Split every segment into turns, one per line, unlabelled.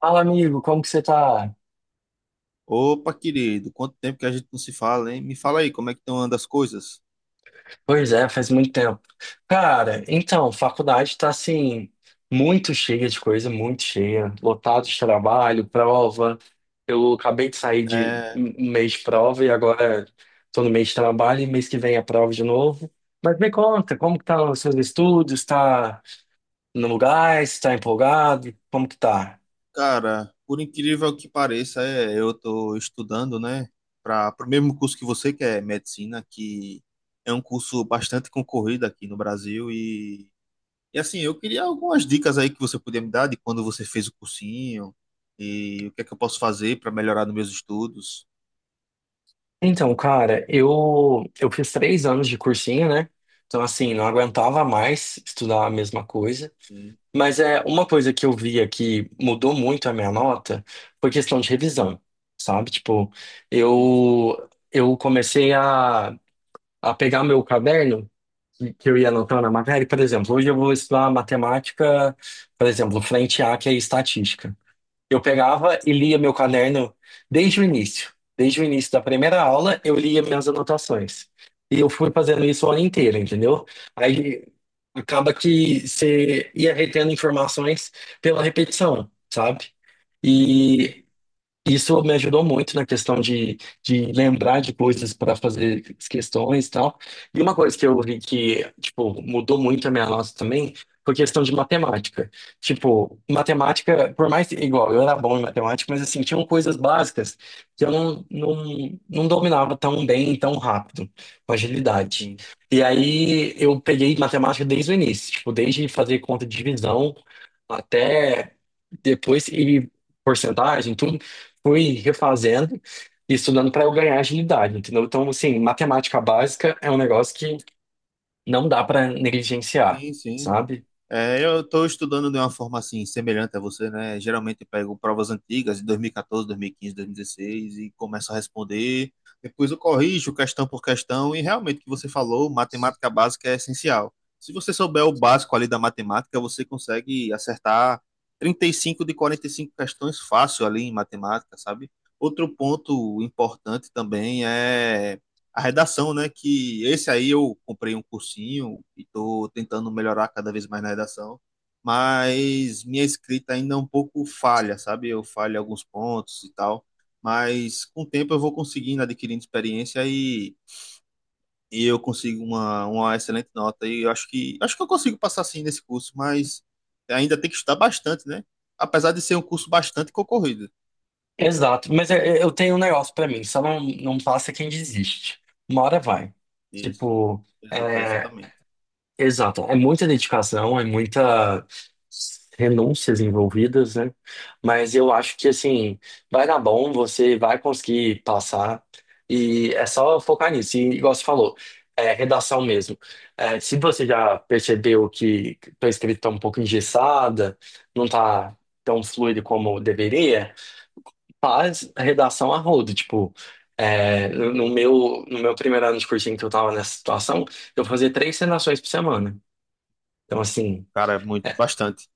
Fala, amigo, como que você tá?
Opa, querido, quanto tempo que a gente não se fala, hein? Me fala aí, como é que estão andando as coisas?
Pois é, faz muito tempo. Cara, então, faculdade tá assim, muito cheia de coisa, muito cheia, lotado de trabalho, prova. Eu acabei de sair de
É,
um mês de prova e agora tô no mês de trabalho e mês que vem é prova de novo. Mas me conta, como que tá os seus estudos? Tá no lugar? Está empolgado? Como que tá?
cara, por incrível que pareça, eu tô estudando, né, para o mesmo curso que você, que é medicina, que é um curso bastante concorrido aqui no Brasil e assim, eu queria algumas dicas aí que você podia me dar de quando você fez o cursinho e o que é que eu posso fazer para melhorar nos meus estudos.
Então, cara, eu fiz três anos de cursinho, né? Então, assim, não aguentava mais estudar a mesma coisa.
Sim,
Mas é uma coisa que eu via que mudou muito a minha nota foi questão de revisão, sabe? Tipo,
sim, sim,
eu comecei a pegar meu caderno que eu ia anotando a matéria. Por exemplo, hoje eu vou estudar matemática, por exemplo, frente A, que é estatística. Eu pegava e lia
sim,
meu caderno desde o início. Desde o início da primeira aula, eu lia minhas anotações. E eu fui fazendo isso o ano inteiro, entendeu? Aí acaba que você ia retendo informações pela repetição, sabe?
sim, sim,
E isso me ajudou muito na questão de lembrar de coisas para fazer as questões e tal. E uma coisa que eu vi que, tipo, mudou muito a minha nota também foi questão de matemática. Tipo, matemática, por mais, igual, eu era bom em matemática, mas assim, tinham coisas básicas que eu não, não, não dominava tão bem, tão rápido, com agilidade.
sim,
E aí eu peguei matemática desde o início, tipo, desde fazer conta de divisão até depois e porcentagem, tudo fui refazendo e estudando para eu ganhar agilidade, entendeu? Então, assim, matemática básica é um negócio que não dá para negligenciar,
sim, sim.
sabe?
É, eu estou estudando de uma forma assim, semelhante a você, né? Geralmente eu pego provas antigas de 2014, 2015, 2016 e 15, 2016 e começo a responder. Depois eu corrijo questão por questão e realmente o que você falou, matemática básica é essencial. Se você souber o básico ali da matemática, você consegue acertar 35 de 45 questões fácil ali em matemática, sabe? Outro ponto importante também é a redação, né? Que esse aí eu comprei um cursinho e estou tentando melhorar cada vez mais na redação, mas minha escrita ainda é um pouco falha, sabe? Eu falho em alguns pontos e tal, mas com o tempo eu vou conseguindo, adquirindo experiência e eu consigo uma excelente nota. E eu acho que eu consigo passar sim nesse curso, mas ainda tem que estudar bastante, né? Apesar de ser um curso bastante concorrido.
Exato, mas eu tenho um negócio para mim, só não, não passa quem desiste. Uma hora vai.
Isso,
Tipo, eh,
exatamente.
Exato, é muita dedicação, é muita renúncias envolvidas, né? Mas eu acho que assim, vai dar bom, você vai conseguir passar e é só focar nisso. E igual você falou, é redação mesmo. É, se você já percebeu que tua escrita está um pouco engessada, não tá tão fluido como deveria, faz a redação a rodo, tipo, é, no meu primeiro ano de cursinho que eu tava nessa situação, eu fazia três redações por semana. Então, assim,
Cara, muito, bastante.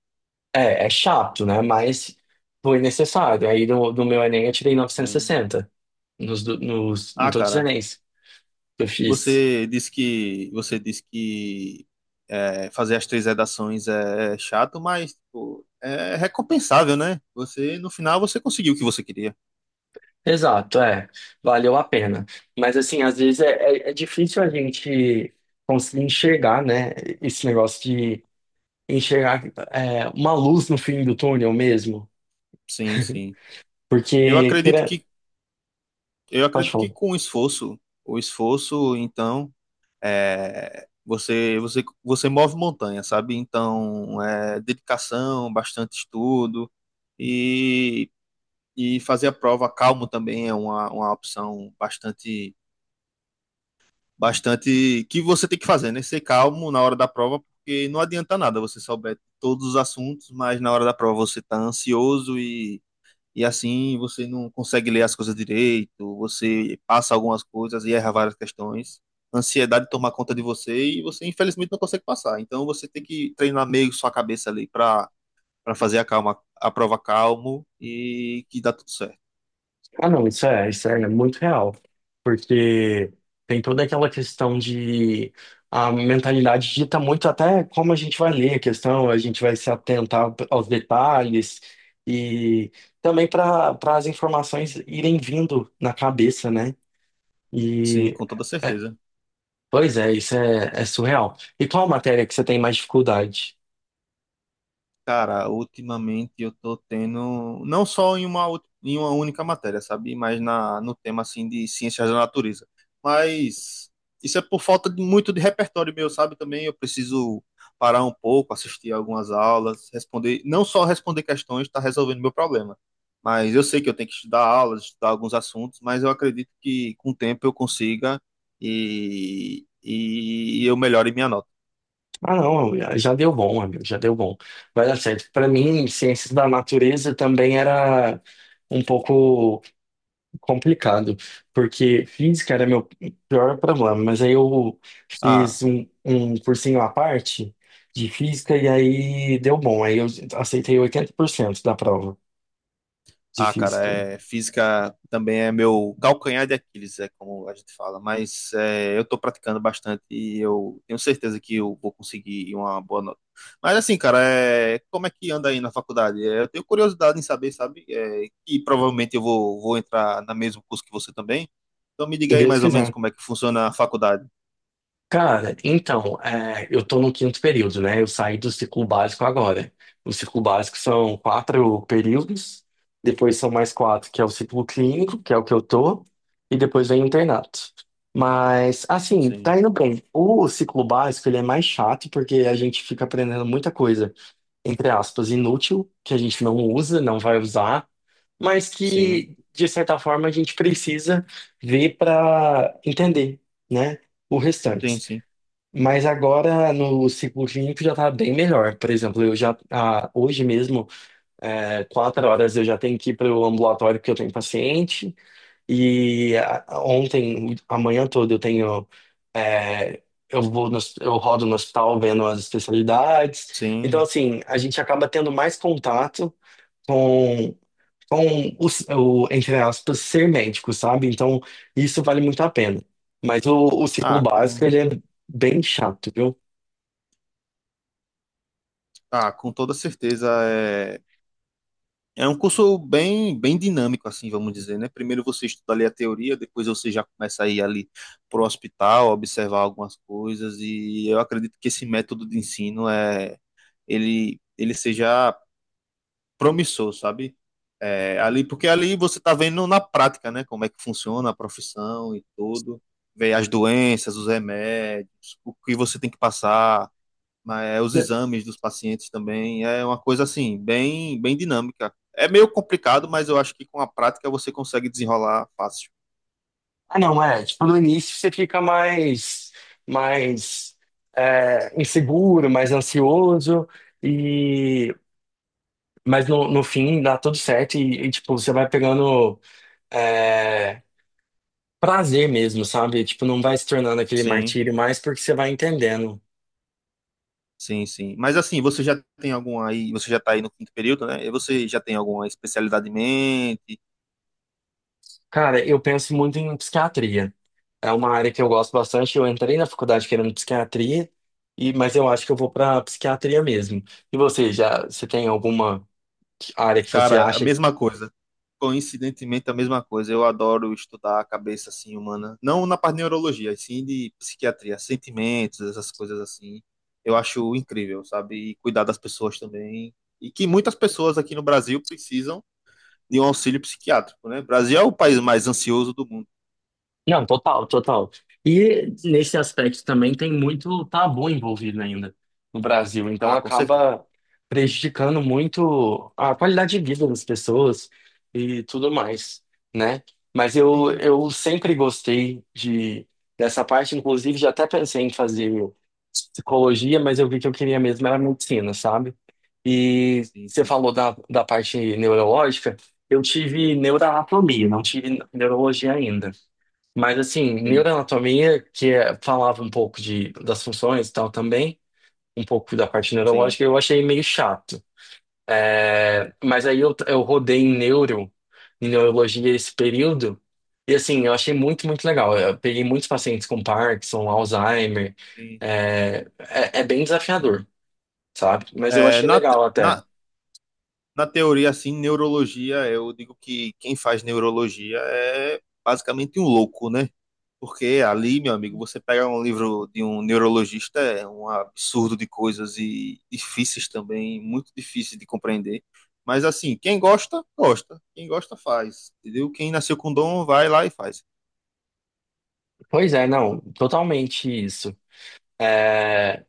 é, é chato, né? Mas foi necessário. Aí no meu Enem eu tirei
Sim.
960, em
Ah,
todos os
cara.
Enems que eu fiz.
Você disse que fazer as três redações é chato, mas pô, é recompensável, né? Você no final você conseguiu o que você queria.
Exato, é. Valeu a pena. Mas, assim, às vezes é, é difícil a gente conseguir enxergar, né? Esse negócio de enxergar é, uma luz no fim do túnel mesmo.
Sim, sim. Eu
Porque,
acredito
queira,
que eu
pode
acredito que
falar.
com o esforço, então, você move montanha, sabe? Então, é dedicação, bastante estudo e e fazer a prova calmo também é uma opção bastante que você tem que fazer, né? Ser calmo na hora da prova, porque não adianta nada você souber todos os assuntos, mas na hora da prova você tá ansioso e assim você não consegue ler as coisas direito, você passa algumas coisas e erra várias questões. Ansiedade toma conta de você e você infelizmente não consegue passar. Então você tem que treinar meio sua cabeça ali para fazer a calma, a prova calmo e que dá tudo certo.
Ah, não, isso é muito real, porque tem toda aquela questão de a mentalidade dita muito até como a gente vai ler a questão, a gente vai se atentar aos detalhes e também para as informações irem vindo na cabeça, né?
Sim,
E
com toda
é,
certeza.
pois é, isso é, é surreal. E qual matéria que você tem mais dificuldade?
Cara, ultimamente eu tô tendo, não só em uma única matéria, sabe? Mas na, no tema, assim, de ciências da natureza. Mas isso é por falta de muito de repertório meu, sabe? Também eu preciso parar um pouco, assistir algumas aulas, responder, não só responder questões, tá resolvendo meu problema. Mas eu sei que eu tenho que estudar aulas, estudar alguns assuntos, mas eu acredito que com o tempo eu consiga e eu melhore minha nota.
Ah, não, já deu bom, amigo, já deu bom. Vai dar certo. Para mim, ciências da natureza também era um pouco complicado, porque física era meu pior problema, mas aí eu fiz
Ah,
um cursinho à parte de física e aí deu bom. Aí eu aceitei 80% da prova de
Ah, cara,
física.
é, física também é meu calcanhar de Aquiles, é como a gente fala, mas é, eu estou praticando bastante e eu tenho certeza que eu vou conseguir uma boa nota. Mas assim, cara, é, como é que anda aí na faculdade? É, eu tenho curiosidade em saber, sabe? É, e provavelmente eu vou entrar no mesmo curso que você também. Então me diga
Se
aí
Deus
mais ou menos
quiser.
como é que funciona a faculdade.
Cara, então, é, eu tô no quinto período, né? Eu saí do ciclo básico agora. O ciclo básico são quatro períodos, depois são mais quatro, que é o ciclo clínico, que é o que eu tô, e depois vem o internato. Mas, assim,
Sim,
tá indo bem. O ciclo básico, ele é mais chato, porque a gente fica aprendendo muita coisa, entre aspas, inútil, que a gente não usa, não vai usar, mas
sim,
que, de certa forma, a gente precisa ver para entender, né? O
sim,
restante.
sim,
Mas agora no ciclo clínico já tá bem melhor. Por exemplo, eu já hoje mesmo, é, quatro horas eu já tenho que ir para o ambulatório porque eu tenho paciente. E ontem, amanhã toda eu tenho, é, eu vou no, eu rodo no hospital vendo as especialidades. Então
sim.
assim, a gente acaba tendo mais contato com com o, entre aspas ser médico, sabe? Então isso vale muito a pena. Mas o ciclo
Ah,
básico
com,
ele é bem chato, viu?
ah, com toda certeza é, é um curso bem, bem dinâmico, assim, vamos dizer, né? Primeiro você estuda ali a teoria, depois você já começa a ir ali para o hospital, observar algumas coisas, e eu acredito que esse método de ensino ele seja promissor, sabe? É, ali, porque ali você está vendo na prática, né? Como é que funciona a profissão e tudo, ver as doenças, os remédios, o que você tem que passar, mas é, os exames dos pacientes também é uma coisa assim, bem, bem dinâmica. É meio complicado, mas eu acho que com a prática você consegue desenrolar fácil.
Ah, não, é. Tipo, no início você fica mais, mais é, inseguro, mais ansioso, e mas no fim dá tudo certo e, tipo, você vai pegando é, prazer mesmo, sabe? Tipo, não vai se tornando aquele
Sim,
martírio mais porque você vai entendendo.
sim, sim. Mas assim, você já tem alguma aí, você já está aí no quinto período, né? E você já tem alguma especialidade em mente?
Cara, eu penso muito em psiquiatria. É uma área que eu gosto bastante. Eu entrei na faculdade querendo psiquiatria, e, mas eu acho que eu vou para psiquiatria mesmo. E você, já, você tem alguma área que você
Cara, a
acha?
mesma coisa. Coincidentemente, a mesma coisa. Eu adoro estudar a cabeça assim humana, não na parte de neurologia, e sim de psiquiatria, sentimentos, essas coisas assim. Eu acho incrível, sabe? E cuidar das pessoas também. E que muitas pessoas aqui no Brasil precisam de um auxílio psiquiátrico, né? O Brasil é o país mais ansioso do mundo.
Não, total, total. E nesse aspecto também tem muito tabu envolvido ainda no Brasil, então
Ah, com certeza.
acaba prejudicando muito a qualidade de vida das pessoas e tudo mais, né? Mas eu,
Sim,
sempre gostei de dessa parte, inclusive já até pensei em fazer psicologia, mas eu vi que eu queria mesmo era medicina, sabe? E
sim,
você
sim, sim.
falou da parte neurológica, eu tive neuroanatomia, não tive neurologia ainda. Mas assim,
Sim,
neuroanatomia, que falava um pouco de, das funções e tal também, um pouco da parte
sim,
neurológica, eu achei meio chato. É, mas aí eu, rodei em neuro, em neurologia esse período, e assim, eu achei muito, muito legal. Eu peguei muitos pacientes com Parkinson, Alzheimer,
sim, sim.
é, é bem desafiador, sabe? Mas eu
É,
achei legal até.
na, na teoria, assim, neurologia, eu digo que quem faz neurologia é basicamente um louco, né? Porque ali, meu amigo, você pega um livro de um neurologista, é um absurdo de coisas e difíceis também, muito difícil de compreender. Mas assim, quem gosta, gosta. Quem gosta, faz. Entendeu? Quem nasceu com dom, vai lá e faz.
Pois é, não, totalmente isso. É,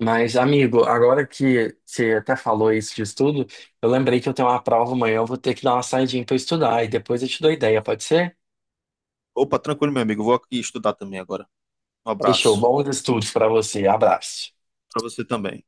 mas, amigo, agora que você até falou isso de estudo, eu lembrei que eu tenho uma prova amanhã, eu vou ter que dar uma saidinha para estudar e depois eu te dou ideia, pode ser?
Opa, tranquilo, meu amigo, vou aqui estudar também agora. Um
Fechou,
abraço
bons estudos para você, abraço.
para você também.